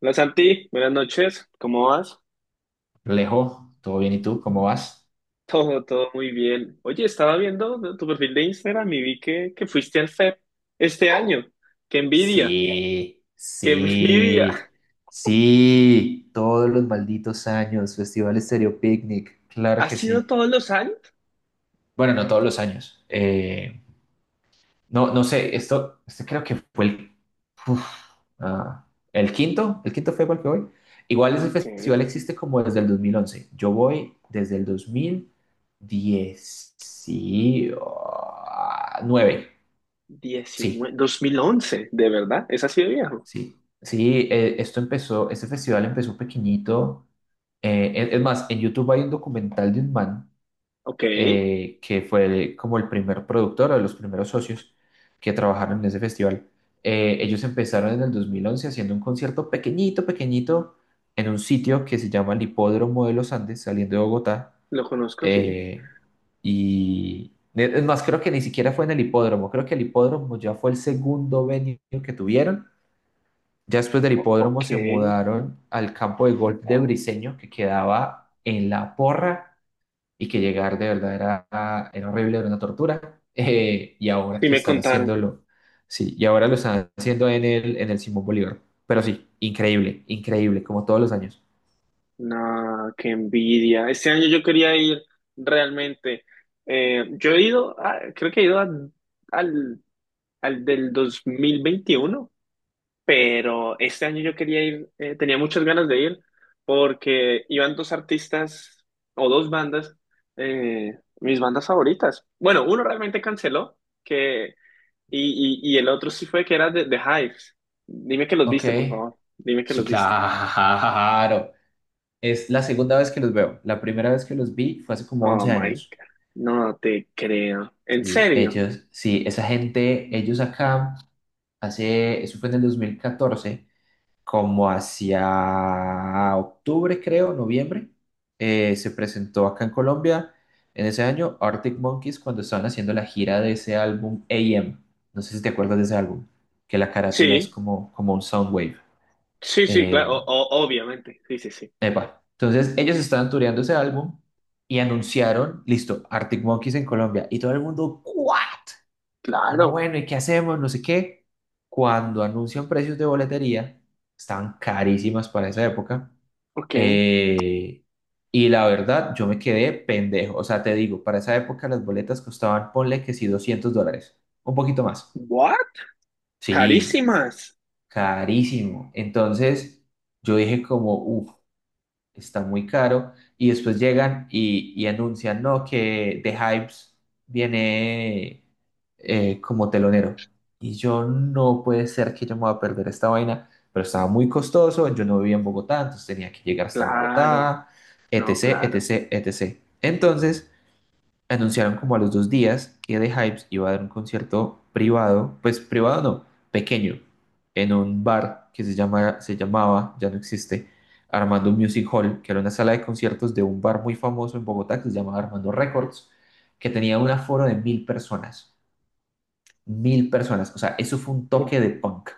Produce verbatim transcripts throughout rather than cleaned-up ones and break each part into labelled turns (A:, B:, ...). A: Hola Santi, buenas noches, ¿cómo vas?
B: Alejo, ¿todo bien? ¿Y tú? ¿Cómo vas?
A: Todo, todo muy bien. Oye, estaba viendo, ¿no?, tu perfil de Instagram y vi que, que fuiste al F E P este año. ¡Qué envidia!
B: Sí,
A: ¡Qué envidia!
B: sí, sí, todos los malditos años, Festival Estéreo Picnic, claro
A: ¿Ha
B: que
A: sido
B: sí.
A: todos los años?
B: Bueno, no todos los años. Eh, no, no sé, esto, este creo que fue el, uf, ah, el quinto, el quinto fue igual que voy. Igual ese
A: Ok,
B: festival existe como desde el dos mil once. Yo voy desde el dos mil diecinueve, sí,
A: diecinueve, dos mil once, ¿de verdad? ¿Es así de viejo?
B: sí, sí. Eh, esto empezó, este festival empezó pequeñito. Eh, es, es más, en YouTube hay un documental de un man,
A: Ok,
B: eh, que fue como el primer productor o de los primeros socios que trabajaron en ese festival. Eh, ellos empezaron en el dos mil once haciendo un concierto pequeñito, pequeñito, en un sitio que se llama el Hipódromo de los Andes, saliendo de Bogotá.
A: lo conozco, sí.
B: eh, y es más, creo que ni siquiera fue en el hipódromo. Creo que el hipódromo ya fue el segundo venue que tuvieron. Ya después del
A: O- ok,
B: hipódromo se
A: sí,
B: mudaron al campo de golf de Briseño, que quedaba en La Porra, y que llegar de verdad era, era horrible, era una tortura. Eh, y ahora que
A: me
B: están
A: contaron.
B: haciéndolo, sí, y ahora lo están haciendo en el, en el Simón Bolívar. Pero sí, increíble, increíble, como todos los años.
A: No, qué envidia. Este año yo quería ir realmente. Eh, yo he ido, a- creo que he ido a- al al del dos mil veintiuno, pero este año yo quería ir, eh, tenía muchas ganas de ir porque iban dos artistas o dos bandas, eh, mis bandas favoritas. Bueno, uno realmente canceló que, y, y, y el otro sí fue que era de, de Hives. Dime que los
B: Ok,
A: viste, por favor. Dime que
B: sí,
A: los viste.
B: claro. Es la segunda vez que los veo. La primera vez que los vi fue hace como
A: Oh
B: once
A: my God.
B: años.
A: No te creo. ¿En
B: Sí,
A: serio?
B: ellos, sí, esa gente, ellos acá. Hace, eso fue en el dos mil catorce, como hacia octubre, creo, noviembre. Eh, se presentó acá en Colombia en ese año Arctic Monkeys cuando estaban haciendo la gira de ese álbum A M. No sé si te acuerdas de ese álbum, que la carátula es
A: Sí,
B: como, como un soundwave.
A: sí, sí, claro,
B: Eh,
A: o- o- obviamente. Sí, sí, sí.
B: Epa. Entonces ellos estaban tureando ese álbum y anunciaron, listo, Arctic Monkeys en Colombia. Y todo el mundo, ¿what? Como,
A: Claro.
B: bueno, ¿y qué hacemos? No sé qué. Cuando anuncian precios de boletería, estaban carísimas para esa época.
A: Ok.
B: eh, y la verdad, yo me quedé pendejo. O sea, te digo, para esa época las boletas costaban, ponle que sí, doscientos dólares, un poquito más.
A: What?
B: Sí,
A: Carísimas.
B: carísimo. Entonces, yo dije como, uff, está muy caro. Y después llegan y, y anuncian, no, que The Hypes viene, eh, como telonero. Y yo, no puede ser que yo me voy a perder esta vaina, pero estaba muy costoso, yo no vivía en Bogotá, entonces tenía que llegar hasta Claro.
A: Claro,
B: Bogotá,
A: no,
B: etcétera,
A: claro.
B: etcétera, etcétera. Entonces anunciaron como a los dos días que The Hypes iba a dar un concierto privado, pues privado no, pequeño, en un bar que se llama, se llamaba, ya no existe, Armando Music Hall, que era una sala de conciertos de un bar muy famoso en Bogotá que se llamaba Armando Records, que tenía un aforo de mil personas, mil personas. O sea, eso fue un
A: Uf,
B: toque de punk.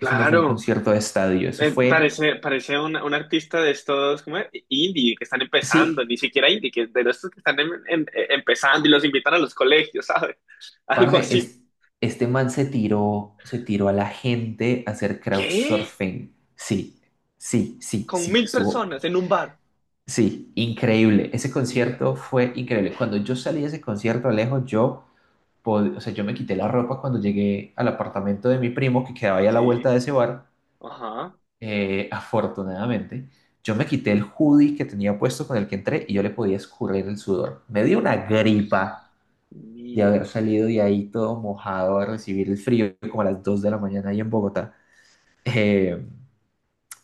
B: Eso no fue un concierto de estadio. Eso
A: Eh,
B: fue,
A: parece, parece un, un artista de estos como indie que están empezando,
B: sí,
A: ni siquiera indie, que de estos que están em- em- eh, empezando y los invitan a los colegios, ¿sabes? Algo
B: parce,
A: así.
B: es- este man se tiró, se tiró a la gente a hacer
A: ¿Qué?
B: crowdsurfing. Sí, sí, sí,
A: Con
B: sí,
A: mil
B: estuvo,
A: personas en un bar.
B: sí, increíble. Ese
A: Dios
B: concierto fue
A: mío.
B: increíble. Cuando yo salí de ese concierto, Alejo, yo, pod- o sea, yo me quité la ropa cuando llegué al apartamento de mi primo que quedaba ahí a la vuelta
A: Sí,
B: de ese bar.
A: ajá.
B: Eh, afortunadamente, yo me quité el hoodie que tenía puesto con el que entré, y yo le podía escurrir el sudor. Me dio una
A: Dios
B: gripa de haber
A: mío.
B: salido de ahí todo mojado a recibir el frío como a las dos de la mañana ahí en Bogotá. Eh,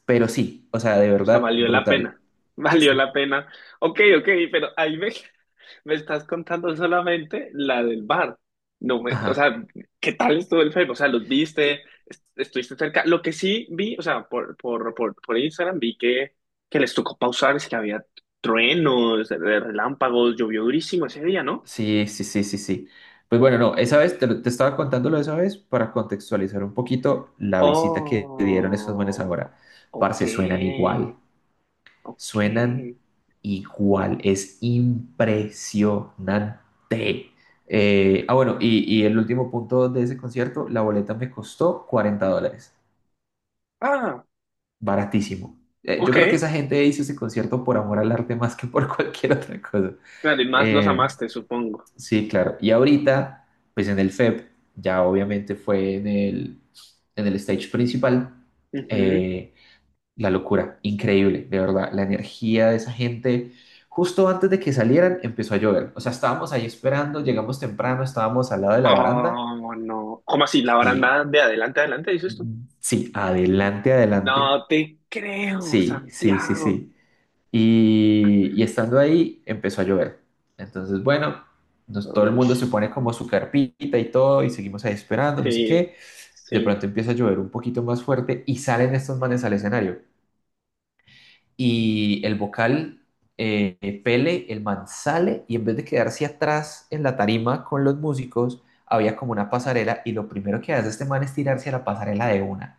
B: pero sí, o sea, de
A: O sea,
B: verdad,
A: valió la
B: brutal.
A: pena. Valió la pena. Ok, ok, pero ahí me… Me estás contando solamente la del bar. No me- O
B: Ajá,
A: sea, ¿qué tal estuvo el Facebook? O sea, ¿los viste? Est- ¿Estuviste cerca? Lo que sí vi, o sea, por, por, por, por Instagram vi que, que les tocó pausar, es que había truenos, eh, relámpagos, llovió durísimo ese día, ¿no?
B: sí, sí, sí, sí, sí. Pues bueno, no, esa vez, te, lo- te estaba contándolo esa vez para contextualizar un poquito la visita que dieron esos manes
A: Oh,
B: ahora.
A: ok,
B: Parce, suenan igual.
A: ok.
B: Suenan igual, es impresionante. Eh, ah, bueno, y, y el último punto de ese concierto, la boleta me costó cuarenta dólares,
A: Ah,
B: baratísimo. Eh, yo
A: ok.
B: creo que esa gente hizo ese concierto por amor al arte más que por cualquier otra cosa.
A: Claro, y más los
B: Eh,
A: amaste, supongo.
B: sí, claro. Y ahorita, pues en el F E P, ya obviamente fue en el, en el stage principal.
A: Ujú.
B: eh, La locura, increíble, de verdad. La energía de esa gente. Justo antes de que salieran, empezó a llover. O sea, estábamos ahí esperando, llegamos temprano, estábamos al lado de la baranda.
A: Oh, no. ¿Cómo así? ¿La baranda
B: Sí,
A: de adelante adelante, dices tú?
B: sí, adelante, adelante.
A: No te creo,
B: Sí, sí, sí,
A: Santiago.
B: sí. Y, y estando ahí, empezó a llover. Entonces, bueno, nos- todo el
A: Oh,
B: mundo se
A: sh-
B: pone como su carpita y todo, y seguimos ahí esperando, no sé
A: sí,
B: qué. De
A: sí,
B: pronto empieza a llover un poquito más fuerte y salen estos manes al escenario. Y el vocal, eh, Pele, el man sale, y en vez de quedarse atrás en la tarima con los músicos, había como una pasarela, y lo primero que hace este man es tirarse a la pasarela de una,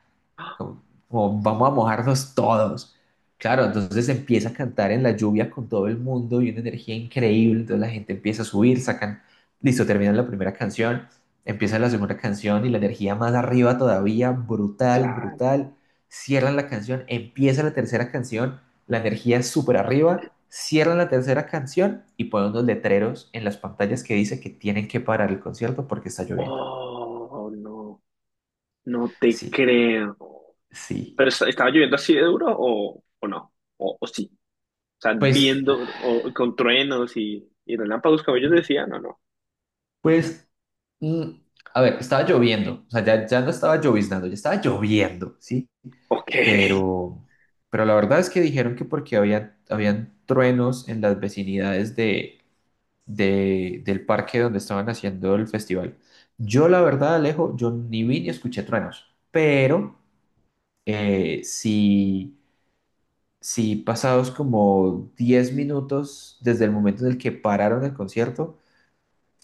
B: como, como, vamos a mojarnos todos. Claro, entonces empieza a cantar en la lluvia con todo el mundo y una energía increíble, entonces la gente empieza a subir, sacan, listo, terminan la primera canción, empieza la segunda canción y la energía más arriba todavía, brutal,
A: claro.
B: brutal, cierran la canción, empieza la tercera canción, la energía súper arriba, cierran la tercera canción y ponen unos letreros en las pantallas que dice que tienen que parar el concierto porque está lloviendo.
A: Oh, no, no te
B: Sí,
A: creo.
B: sí.
A: ¿Pero est- estaba lloviendo así de duro o, o no? O, o sí. O sea,
B: Pues,
A: viendo o, con truenos y, y relámpagos, como ellos decían, no, no.
B: pues Mm, a ver, estaba lloviendo, o sea, ya, ya no estaba lloviznando, ya estaba lloviendo, ¿sí?
A: Ok.
B: Pero, pero la verdad es que dijeron que porque había, habían truenos en las vecinidades de, de- del parque donde estaban haciendo el festival. Yo, la verdad, Alejo, yo ni vi ni escuché truenos, pero eh, sí, sí pasados como diez minutos desde el momento en el que pararon el concierto,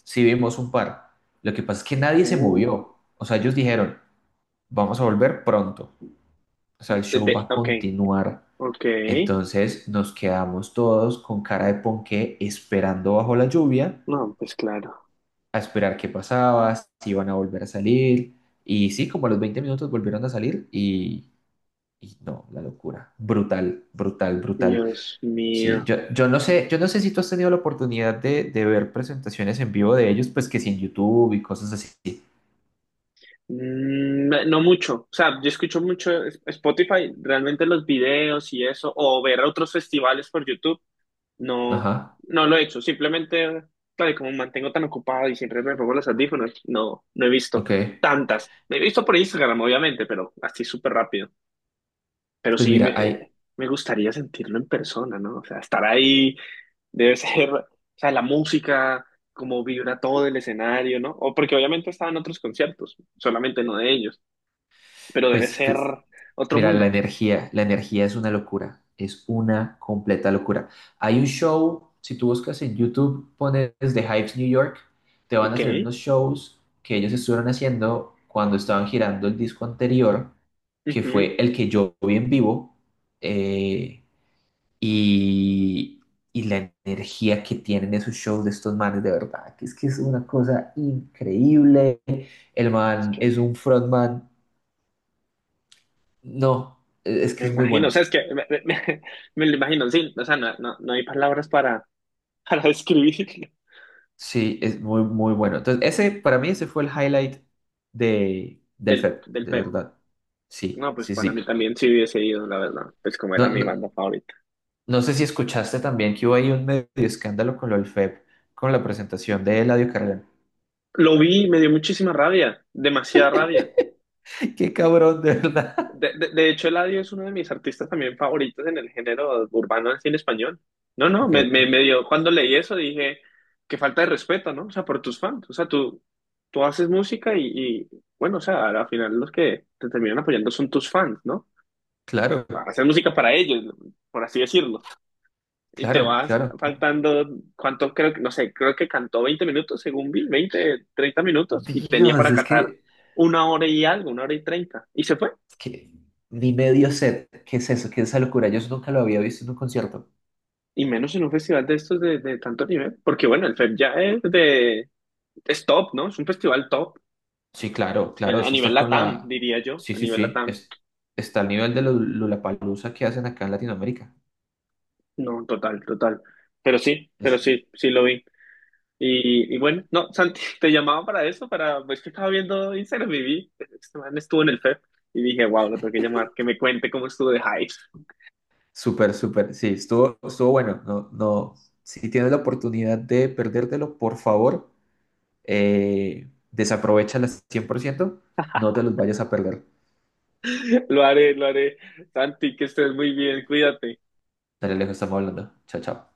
B: sí vimos un par. Lo que pasa es que nadie se
A: Uh,
B: movió, o sea, ellos dijeron: vamos a volver pronto. O sea, el
A: de-
B: show va
A: de-
B: a
A: ok,
B: continuar.
A: ok.
B: Entonces nos quedamos todos con cara de ponqué esperando bajo la lluvia,
A: No, pues claro.
B: a esperar qué pasaba, si iban a volver a salir. Y sí, como a los veinte minutos volvieron a salir y, y no, la locura. Brutal, brutal, brutal.
A: Dios
B: Sí,
A: mío.
B: yo, yo no sé, yo no sé si tú has tenido la oportunidad de, de ver presentaciones en vivo de ellos, pues que sí en YouTube y cosas así.
A: Mm, No mucho, o sea, yo escucho mucho es- Spotify, realmente los videos y eso, o ver otros festivales por YouTube, no,
B: Ajá,
A: no lo he hecho, simplemente, claro, y como me mantengo tan ocupado y siempre me pongo los audífonos, no, no he visto
B: ok.
A: tantas, he visto por Instagram, obviamente, pero así súper rápido, pero
B: Pues
A: sí
B: mira,
A: me,
B: hay,
A: me gustaría sentirlo en persona, ¿no? O sea, estar ahí debe ser, o sea, la música, como vibra todo el escenario, ¿no? O porque obviamente estaban otros conciertos, solamente no de ellos, pero debe
B: pues,
A: ser
B: pues
A: otro
B: mira, la
A: mundo.
B: energía, la energía es una locura, es una completa locura. Hay un show, si tú buscas en YouTube, pones The Hypes New York, te van
A: Ok.
B: a traer unos shows que ellos estuvieron haciendo cuando estaban girando el disco anterior, que
A: Ujú.
B: fue el que yo vi en vivo. Eh, y, y la energía que tienen esos shows de estos manes, de verdad, que es que es una cosa increíble. El
A: Es
B: man
A: que
B: es un frontman, no, e, es
A: me
B: que es muy
A: imagino, o
B: bueno.
A: sea, es que me, me- me- me lo imagino, sí, o sea, no, no, no hay palabras para, para describir
B: Sí, es muy, muy bueno. Entonces, ese, para mí, ese fue el highlight de, del
A: del,
B: F E P,
A: del
B: de
A: Pep.
B: verdad. Sí,
A: No, pues
B: sí,
A: para mí
B: sí.
A: también sí hubiese ido, la verdad, pues como
B: No,
A: era mi
B: no,
A: banda favorita.
B: no sé si escuchaste también que hubo ahí un medio escándalo con lo del F E P, con la presentación de Eladio Carrión.
A: Lo vi, y me dio muchísima rabia, demasiada rabia.
B: ¡Qué cabrón, de verdad!
A: De, de, de hecho, Eladio es uno de mis artistas también favoritos en el género urbano del cine español. No, no,
B: Ok,
A: me, me, me dio, cuando leí eso dije, qué falta de respeto, ¿no? O sea, por tus fans. O sea, tú, tú haces música y, y, bueno, o sea, al final los que te terminan apoyando son tus fans, ¿no?
B: claro,
A: Haces música para ellos, por así decirlo. Y te
B: claro,
A: vas
B: claro.
A: faltando, ¿cuánto?, creo que, no sé, creo que cantó veinte minutos, según vi, veinte, treinta minutos, y tenía
B: Dios,
A: para
B: es
A: cantar
B: que,
A: una hora y algo, una hora y treinta y se fue.
B: es que ni medio set, ¿qué es eso? ¿Qué es esa locura? Yo eso nunca lo había visto en un concierto.
A: Y menos en un festival de estos de, de tanto nivel, porque bueno, el F E P ya es de, es top, ¿no? Es un festival top,
B: Sí, claro,
A: en-
B: claro,
A: a
B: eso está
A: nivel
B: con
A: LATAM,
B: la.
A: diría yo,
B: Sí,
A: a
B: sí,
A: nivel
B: sí,
A: LATAM.
B: es- está al nivel de la palusa que hacen acá en Latinoamérica.
A: No, total, total. Pero sí, pero
B: Es
A: sí, sí lo vi. Y, y bueno, no, Santi, te llamaba para eso, para, pues que estaba viendo Instagram y vi, este man estuvo en el F E P y dije, wow, lo tengo que llamar, que me cuente cómo estuvo de hype.
B: súper, súper, sí, estuvo, estuvo bueno. No, no, si tienes la oportunidad de perdértelo, por favor, eh, desaprovéchala cien por ciento, no te los vayas a perder.
A: Lo haré, lo haré. Santi, que estés muy bien, cuídate.
B: Dale, lejos, estamos hablando. Chao, chao.